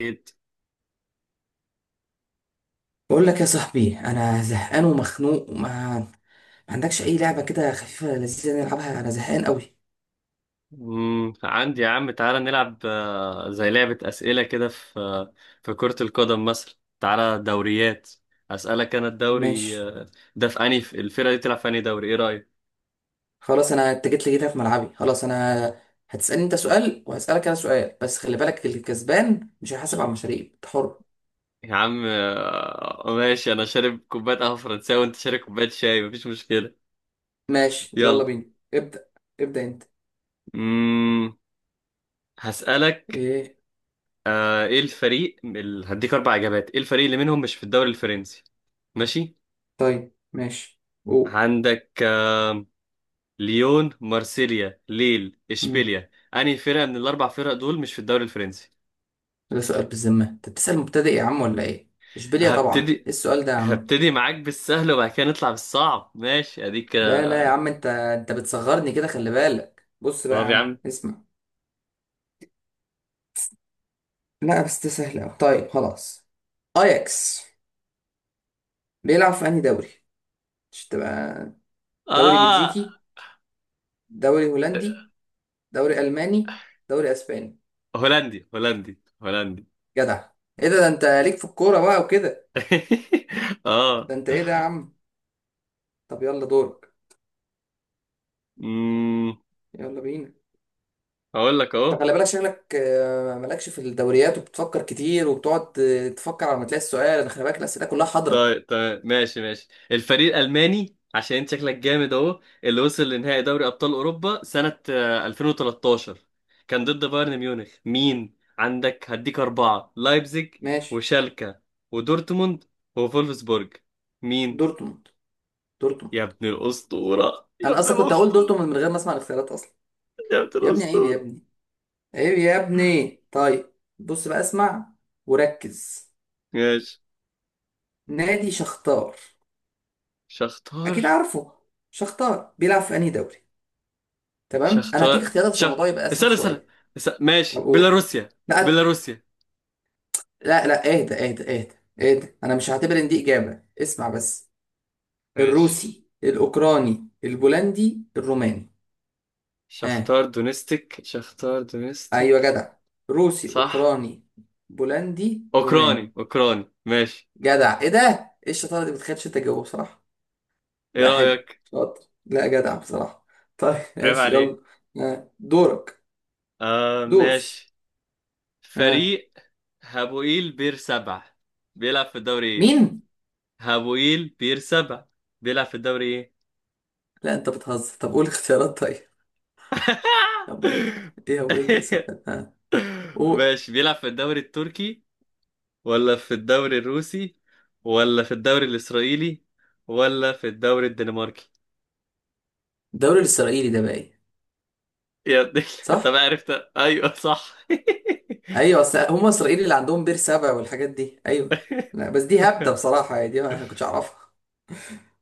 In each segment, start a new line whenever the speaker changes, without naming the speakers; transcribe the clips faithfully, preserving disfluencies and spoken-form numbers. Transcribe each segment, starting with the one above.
أكيد.
بقول لك يا صاحبي، انا زهقان ومخنوق وما ما عندكش اي لعبه كده خفيفه لذيذه نلعبها. انا زهقان قوي.
مم، عندي يا عم تعالى نلعب آه، زي لعبة أسئلة كده في آه، في كرة القدم مثلا. تعالى دوريات. أسألك أنا الدوري
ماشي،
آه، ده في أنهي. في الفرقة دي تلعب في أنهي دوري، إيه رأيك؟
خلاص. انا اتجيت لي كده في ملعبي. خلاص انا هتسالني انت سؤال وهسالك انا سؤال، بس خلي بالك الكسبان مش هيحاسب على المشاريب. انت حر.
يا عم آه، ماشي. أنا شارب كوباية قهوة فرنساوي وأنت شارب كوباية شاي، مفيش مشكلة.
ماشي يلا
يلا.
بينا. ابدا. ابدا انت.
مم، هسألك.
ايه؟
آه، إيه الفريق ال- هديك أربع إجابات، إيه الفريق اللي منهم مش في الدوري الفرنسي؟ ماشي؟
طيب ماشي، قول.
عندك آه، ليون، مارسيليا، ليل،
مم.
اشبيليا، انهي فرقه من الاربع فرق دول مش في الدوري الفرنسي؟
ده سؤال بالذمه؟ انت بتسال مبتدئ يا عم ولا ايه؟ اشبيليا طبعا. ايه
هبتدي
السؤال ده يا عم؟
هبتدي معاك بالسهل وبعد كده نطلع بالصعب، ماشي اديك
لا
كده.
لا يا عم، انت انت بتصغرني كده. خلي بالك، بص بقى يا
طب يا
عم،
عم.
اسمع. لا بس ده سهل أوي. طيب خلاص. أياكس بيلعب في أنهي دوري؟ مش تبقى دوري
اه
بلجيكي، دوري هولندي، دوري ألماني، دوري أسباني؟
هولندي، هولندي، هولندي.
جدع! إيه ده؟ ده أنت ليك في الكورة بقى وكده؟
اه.
ده أنت إيه ده يا عم! طب يلا دورك.
امم
يلا بينا.
هقول لك
طب
اهو.
خلي بالك، شكلك آه، مالكش في الدوريات وبتفكر كتير وبتقعد آه، تفكر على ما تلاقي السؤال. أنا خلي بالك، الأسئلة كلها حاضرة.
طيب طيب، ماشي ماشي الفريق الألماني عشان انت شكلك جامد اهو، اللي وصل لنهائي دوري أبطال أوروبا سنة آه، ألفين وتلتاشر، كان ضد بايرن ميونخ. مين عندك؟ هديك أربعة: لايبزيج،
ماشي.
وشالكا، ودورتموند، وفولفسبورج. مين؟
دورتموند.
يا
دورتموند.
ابن الأسطورة، يا
أنا
ابن
أصلا كنت هقول
الأسطورة،
دورتموند من غير ما أسمع الاختيارات أصلا.
يا ابن
يا ابني عيب يا
الأسطورة.
ابني. ايه يا ابني؟ طيب بص بقى اسمع، وركز.
ماشي.
نادي شختار. اكيد
شختار
عارفه. شختار بيلعب في انهي دوري؟ تمام، انا هديك
شختار
اختيارات عشان
شخ
الموضوع يبقى اسهل
استنى استنى،
شويه.
است-
طب
ماشي.
قول.
بيلاروسيا،
لا
بيلاروسيا.
لا لا، اهدى اهدى اهدى. اهدى. انا مش هعتبر ان دي اجابه. اسمع بس.
ماشي.
الروسي، الاوكراني، البولندي، الروماني. ها.
شختار دونستيك، شختار
ايوه
دونستيك.
جدع. روسي،
صح.
اوكراني، بولندي، روماني.
اوكراني، اوكراني. ماشي.
جدع. ايه ده! ايه الشطاره دي؟ بتخيلش انت تجاوب بصراحه.
ايه
لا حلو،
رأيك؟
شاطر، لا جدع بصراحة. طيب
عيب
ماشي
عليك.
يلا. آه، دورك.
آه
دوس.
ماشي.
آه.
فريق هابوئيل بير سبع بيلعب في الدوري ايه؟
مين؟
هابوئيل بير سبع بيلعب في الدوري ايه؟
لا انت بتهزر، طب قول اختيارات طيب. طب قول. ايه هو، ابدا السؤال آه. قول.
ماشي. بيلعب في الدوري التركي، ولا في الدوري الروسي، ولا في الدوري الإسرائيلي، ولا في الدوري الدنماركي؟
الدوري الاسرائيلي ده بقى ايه؟
يا ابني. طب
صح؟
عرفت؟ ايوه صح.
ايوه، اصل هم اسرائيلي اللي عندهم بير سبع والحاجات دي. ايوه. لا بس دي هبدة بصراحة، يعني دي ما كنتش اعرفها.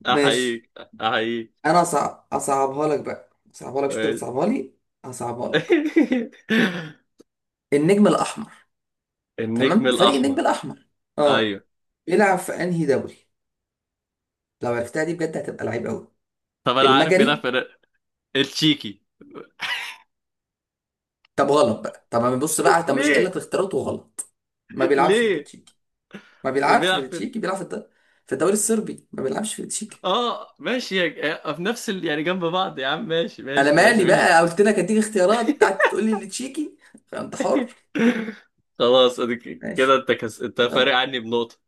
ماشي.
احييك، احييك.
انا أصع... اصعبها لك بقى. اصعبها لك، مش انت
ماشي.
بتصعبها لي. هصعبها لك. النجم الاحمر.
النجم
تمام، فريق النجم
الاحمر.
الاحمر. اه.
ايوه.
بيلعب في انهي دوري؟ لو عرفتها دي بجد هتبقى لعيب قوي.
طب انا عارف، بيلعب
المجري.
في التشيكي.
طب غلط بقى. طب ما بص بقى، طب مش قايل
ليه؟
لك اختيارات وغلط. ما بيلعبش في
ليه؟
التشيكي. ما بيلعبش في
بيلعب في.
التشيكي، بيلعب في الد- في الدوري الصربي. ما بيلعبش في التشيكي.
اه ماشي يا- في نفس ال... يعني جنب بعض يا عم، ماشي
انا
ماشي ماشي
مالي بقى،
ماشي.
قلت لك اديك اختيارات، قعدت تقول لي التشيكي. انت حر.
خلاص اديك كده.
ماشي.
انت كس... انت فارق
يلا.
عني بنقطة.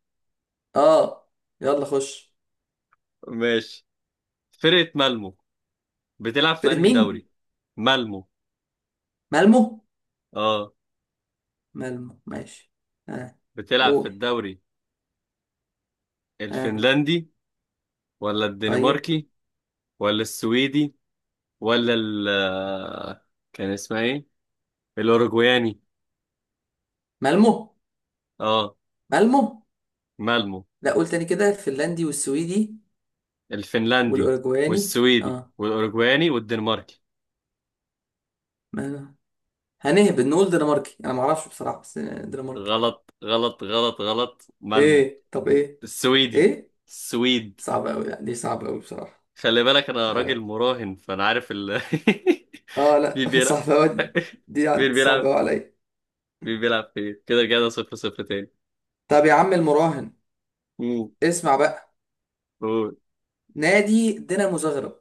اه. يلا خش.
ماشي. فرقة مالمو بتلعب في
فرقة
انهي
مين؟
دوري؟ مالمو.
مالمو.
اه.
مالمو ماشي. اه.
بتلعب في
قول.
الدوري
اه
الفنلندي، ولا
طيب.
الدنماركي، ولا السويدي، ولا ال آه، كان اسمها ايه، الاوروجواني.
مالمو.
اه
مالمو.
مالمو.
لا قول تاني كده، الفنلندي والسويدي
الفنلندي
والاوروجواني.
والسويدي
اه.
والاوروجواني والدنماركي.
ما أنا- هنهبط نقول دنماركي. انا ما اعرفش بصراحه، بس دنماركي.
غلط غلط غلط غلط. مالمو
ايه؟ طب ايه؟
السويدي،
ايه؟
السويد.
صعبه قوي، لا دي صعبه قوي بصراحه.
خلي بالك انا
لا
راجل
لا.
مراهن فانا عارف ال.
اه لا
مين بيلعب؟
صعبه قوي دي.
مين
صعبه قوي
بيلعب؟
عليا.
مين بيلعب فين؟ كده كده صفر صفر تاني.
طب يا عم المراهن،
مم.
اسمع بقى.
قول.
نادي دينامو زغرب،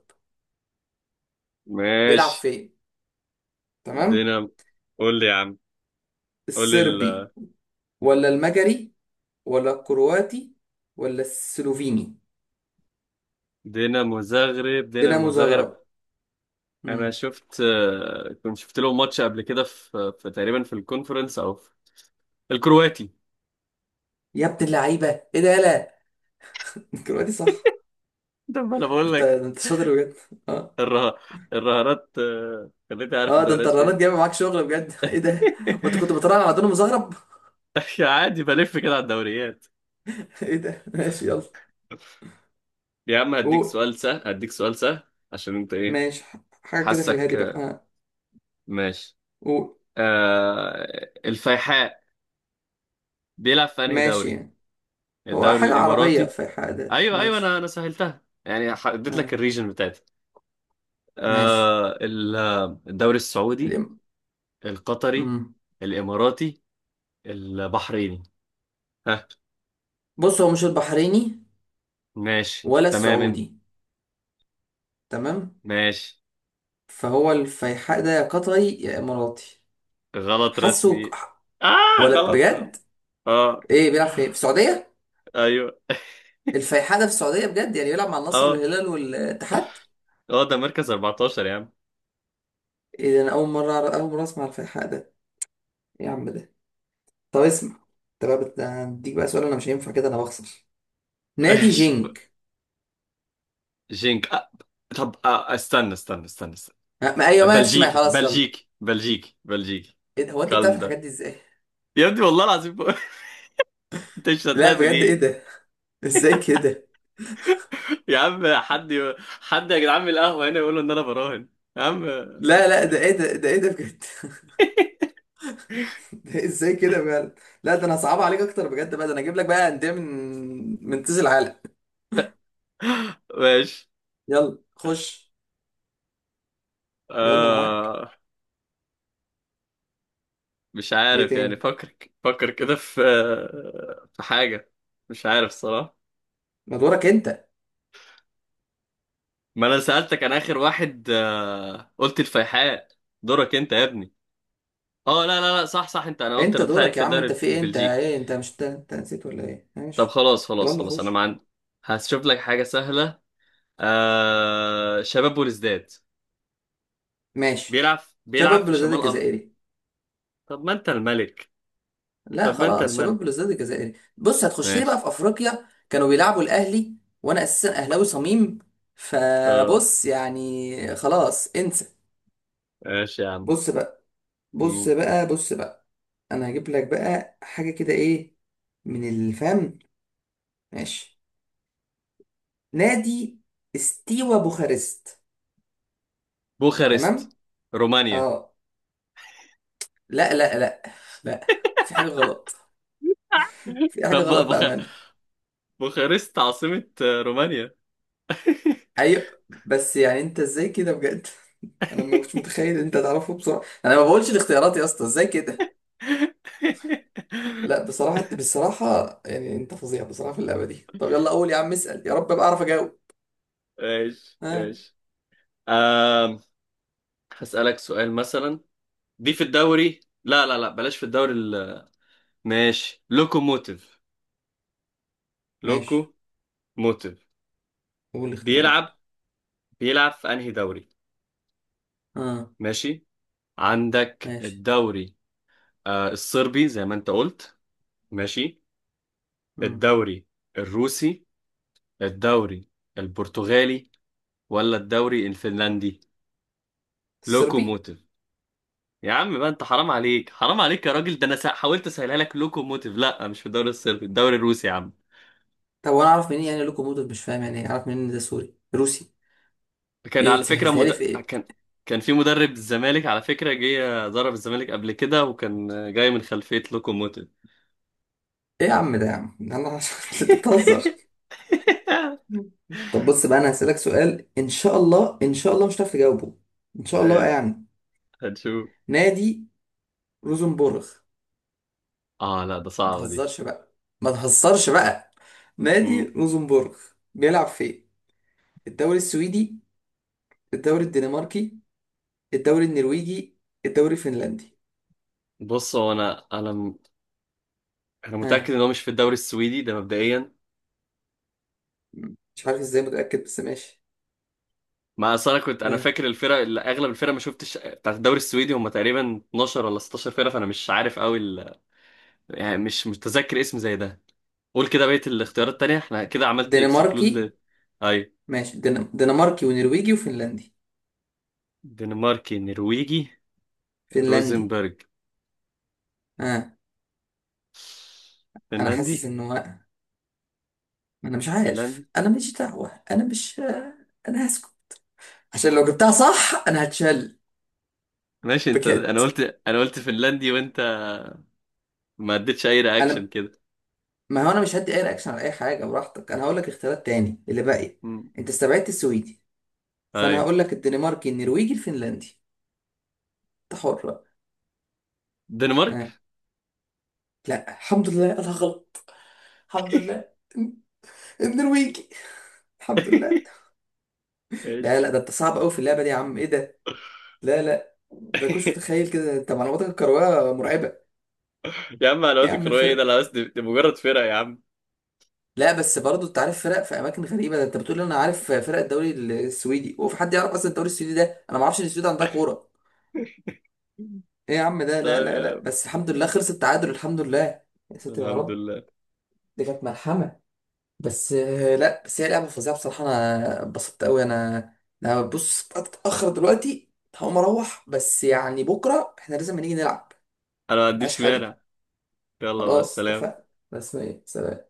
بيلعب
ماشي.
فين؟ تمام.
دينامو. قول لي يا عم، قول لي
الصربي،
ال-
ولا المجري، ولا الكرواتي، ولا السلوفيني؟
دينامو زغرب، دينامو
دينامو
زغرب.
زغرب.
انا
امم.
شفت آه، كنت شفت له ماتش قبل كده في في تقريبا في الكونفرنس او في الكرواتي.
يا ابن اللعيبه. ايه ده! لا الكرواتي، صح.
ده ما انا بقول
انت
لك.
ده انت شاطر بجد. اه.
الره... الرهانات آه، خليتني عارف
اه ده انت
الدوريات
الرنات
فين.
جايبه معاك شغل بجد ايه ده. وانت كنت بتراهن على دون مزهرب
عادي بلف كده على الدوريات.
ايه ده؟ ماشي يلا.
يا عم هديك
قول.
سؤال سهل، هديك سؤال سهل عشان انت ايه،
ماشي، ح- حاجه كده في
حاسك
الهادي بقى،
آه،
اه.
ماشي.
قول.
آه... الفيحاء بيلعب في انهي
ماشي
دوري؟
يعني. هو
الدوري
حاجه عربيه
الاماراتي.
في حاجه،
ايوه ايوه، انا
ماشي.
انا سهلتها يعني، ح- اديت لك
اه.
الريجن بتاعتي.
ماشي.
آه ال- آه، الدوري السعودي،
الام-
القطري،
مم.
الاماراتي، البحريني. ها؟
بص هو مش البحريني.
ماشي
ولا
تمام انت.
السعودي؟ تمام.
ماشي.
فهو الفيحاء ده يا قطري يا اماراتي.
غلط رسمي.
حاسه ك-
اه
ولا
غلط غلط.
بجد؟
اه
ايه بيلعب في إيه؟ في السعوديه؟
ايوه.
الفيحاء ده في السعوديه بجد؟ يعني بيلعب مع النصر
اه.
والهلال والاتحاد؟
اه ده مركز أربعة عشر يا عم.
ايه ده، انا اول مره أعرف- اول مره اسمع الفيحاء ده. ايه يا عم ده. طب اسمع، انت بقى بت- هديك بقى سؤال، انا مش هينفع كده، انا بخسر. نادي
ماشي.
جينك.
جينك آه. طب آه. استنى استنى استنى، استنى.
ما ما- ايوه ماشي، ما
بلجيكي
خلاص يلا.
بلجيكي بلجيكي بلجيكي.
ايه ده، هو انت بتعرف
كالم
الحاجات
ده.
دي ازاي؟
يا ابني والله العظيم. انت مش
لا
صدقني
بجد ايه
ليه؟
ده؟ ازاي كده؟
يا عم حد ي... حد يا جدعان من القهوة هنا يقولوا ان انا براهن. يا عم.
لا لا، ده ايه ده، ده ايه ده بجد ده ازاي كده بجد! لا ده انا صعب عليك اكتر بجد بقى. ده انا اجيب لك بقى انديه من من تيز العالم.
ماشي.
يلا خش. يلا معاك.
آه... مش
ايه
عارف يعني،
تاني؟
فكر. فكر كده في، في حاجة. مش عارف الصراحة.
ما دورك انت.
ما انا سألتك، انا اخر واحد آه... قلت الفيحاء. دورك انت يا ابني. اه لا لا لا، صح صح انت، انا قلت
انت
رديت عليك
دورك يا
في
عم،
الدوري
انت في ايه، انت
البلجيكي.
ايه، انت مش انت, انت نسيت ولا ايه؟
طب
ماشي.
خلاص خلاص
يلا
خلاص، انا ما
خش.
عندي. هشوف لك حاجة سهلة. آه... شباب بوليسداد
ماشي.
بيلعب، بيلعب
شباب
في
بلوزداد
شمال أه.
الجزائري.
طب ما انت الملك.
لا
طب ما انت
خلاص، شباب
الملك.
بلوزداد الجزائري. بص هتخش لي بقى
ماشي.
في افريقيا كانوا بيلعبوا الاهلي، وانا اساسا اهلاوي صميم.
اه.
فبص يعني خلاص انسى.
ماشي يا عم.
بص بقى، بص
مم.
بقى، بص بقى. انا هجيب لك بقى حاجه كده، ايه، من الفم. ماشي. نادي استيوا بوخارست. تمام.
بوخارست، رومانيا.
اه. لا لا لا. لا، في حاجه غلط. في حاجه
طب بقى
غلط
بوخ...
بامانه.
بوخارست عاصمة آه، رومانيا.
ايوه، بس يعني انت ازاي كده بجد انا ما كنتش متخيل ان انت تعرفه بسرعه. يعني انا ما بقولش الاختيارات يا اسطى، ازاي كده؟ لا بصراحه بصراحه، يعني انت فظيع بصراحه في اللعبه دي. طب يلا قول يا عم، اسال، يا رب ابقى اعرف اجاوب.
ماشي
ها.
ماشي. آم... هسألك سؤال مثلا. دي في الدوري، لا لا لا بلاش، في الدوري ال... ماشي. لوكوموتيف،
ماشي.
لوكو موتيف
قول الاختيارات.
بيلعب، بيلعب في انهي دوري.
اه.
ماشي. عندك
ماشي.
الدوري آه الصربي زي ما انت قلت، ماشي.
امم
الدوري الروسي، الدوري البرتغالي، ولا الدوري الفنلندي.
الصربي.
لوكوموتيف. يا عم بقى انت حرام عليك، حرام عليك يا راجل، ده انا سا- حاولت اسهلها لك. لوكوموتيف لا مش في الدوري الصربي، الدوري الروسي يا عم.
طب وانا اعرف منين يعني؟ لوكوموتيف مش فاهم يعني ايه، اعرف منين إن ده سوري روسي؟
كان
ايه
على فكرة
سهلتها
مد...
لي في ايه؟
كان، كان في مدرب الزمالك على فكرة جه ضرب الزمالك قبل كده وكان جاي من خلفية لوكوموتيف.
ايه يا عم ده يا عم انا انت بتهزر. طب بص بقى، انا هسألك سؤال ان شاء الله ان شاء الله مش هتعرف تجاوبه. ان شاء الله بقى
ماشي.
يعني.
هنشوف.
نادي روزنبورغ.
اه لا ده
ما
صعبة دي.
تهزرش بقى، ما تهزرش بقى. نادي
مم.
روزنبورغ بيلعب فين؟ الدوري السويدي، الدوري الدنماركي، الدوري النرويجي، الدوري الفنلندي؟
بص هو انا انا م- انا
ها.
متأكد ان هو مش في الدوري السويدي ده مبدئيا.
مش عارف ازاي متأكد، بس ماشي.
ما اصل انا كنت انا
ها.
فاكر الفرق اللي اغلب الفرق ما شفتش بتاعت الدوري السويدي هم تقريبا اثني عشر ولا ستاشر فرقه، فانا مش عارف قوي ال... يعني مش متذكر اسم زي ده. قول كده بقيه الاختيارات التانيه، احنا كده عملت اكسكلود
دنماركي؟
ل. اي.
ماشي، دن- دنماركي ونرويجي وفنلندي.
دنماركي، نرويجي،
فنلندي؟
روزنبرج.
ها. انا حاسس
فنلندي،
انه، انا مش عارف،
فنلندي.
انا مش دعوة، انا مش، انا هسكت عشان لو جبتها صح انا هتشل.
ماشي انت، انا
بجد.
قلت، انا قلت فنلندي وانت ما اديتش اي رياكشن
انا،
كده.
ما هو انا مش هدي اي رياكشن على اي حاجه، براحتك. انا هقول لك اختيارات تاني اللي باقي.
مم.
انت استبعدت السويدي، فانا
اي
هقول لك الدنماركي النرويجي الفنلندي. انت حر بقى.
دنمارك.
آه. لا الحمد لله، انا غلط. الحمد لله النرويجي الحمد لله.
ايش.
لا لا ده انت صعب قوي في اللعبه دي يا عم. ايه ده. لا لا، ده كنتش متخيل كده، انت معلوماتك الكرويه مرعبه.
يا عم
ايه
معلومات
يا عم
الكرويه ايه ده،
الفرق!
لا بس دي دي مجرد فرقه يا عم.
لا بس برضه انت عارف فرق في اماكن غريبه. ده انت بتقول لي انا عارف فرق الدوري السويدي، وفي حد يعرف اصلا الدوري السويدي ده؟ انا ما اعرفش ان السويد عندها كوره. ايه يا عم ده. لا
طيب
لا
يا
لا،
عم.
بس الحمد لله خلص التعادل. الحمد لله يا ساتر يا
الحمد
رب.
لله.
دي كانت ملحمة. بس آه، لا بس هي لعبة فظيعة بصراحة. انا اتبسطت قوي انا انا بص اتأخر دلوقتي، هقوم اروح، بس يعني بكرة احنا لازم نيجي نلعب.
انا ما
ملهاش
عنديش
حل.
مانع. يلا، مع
خلاص اتفقنا.
السلامة.
بس ايه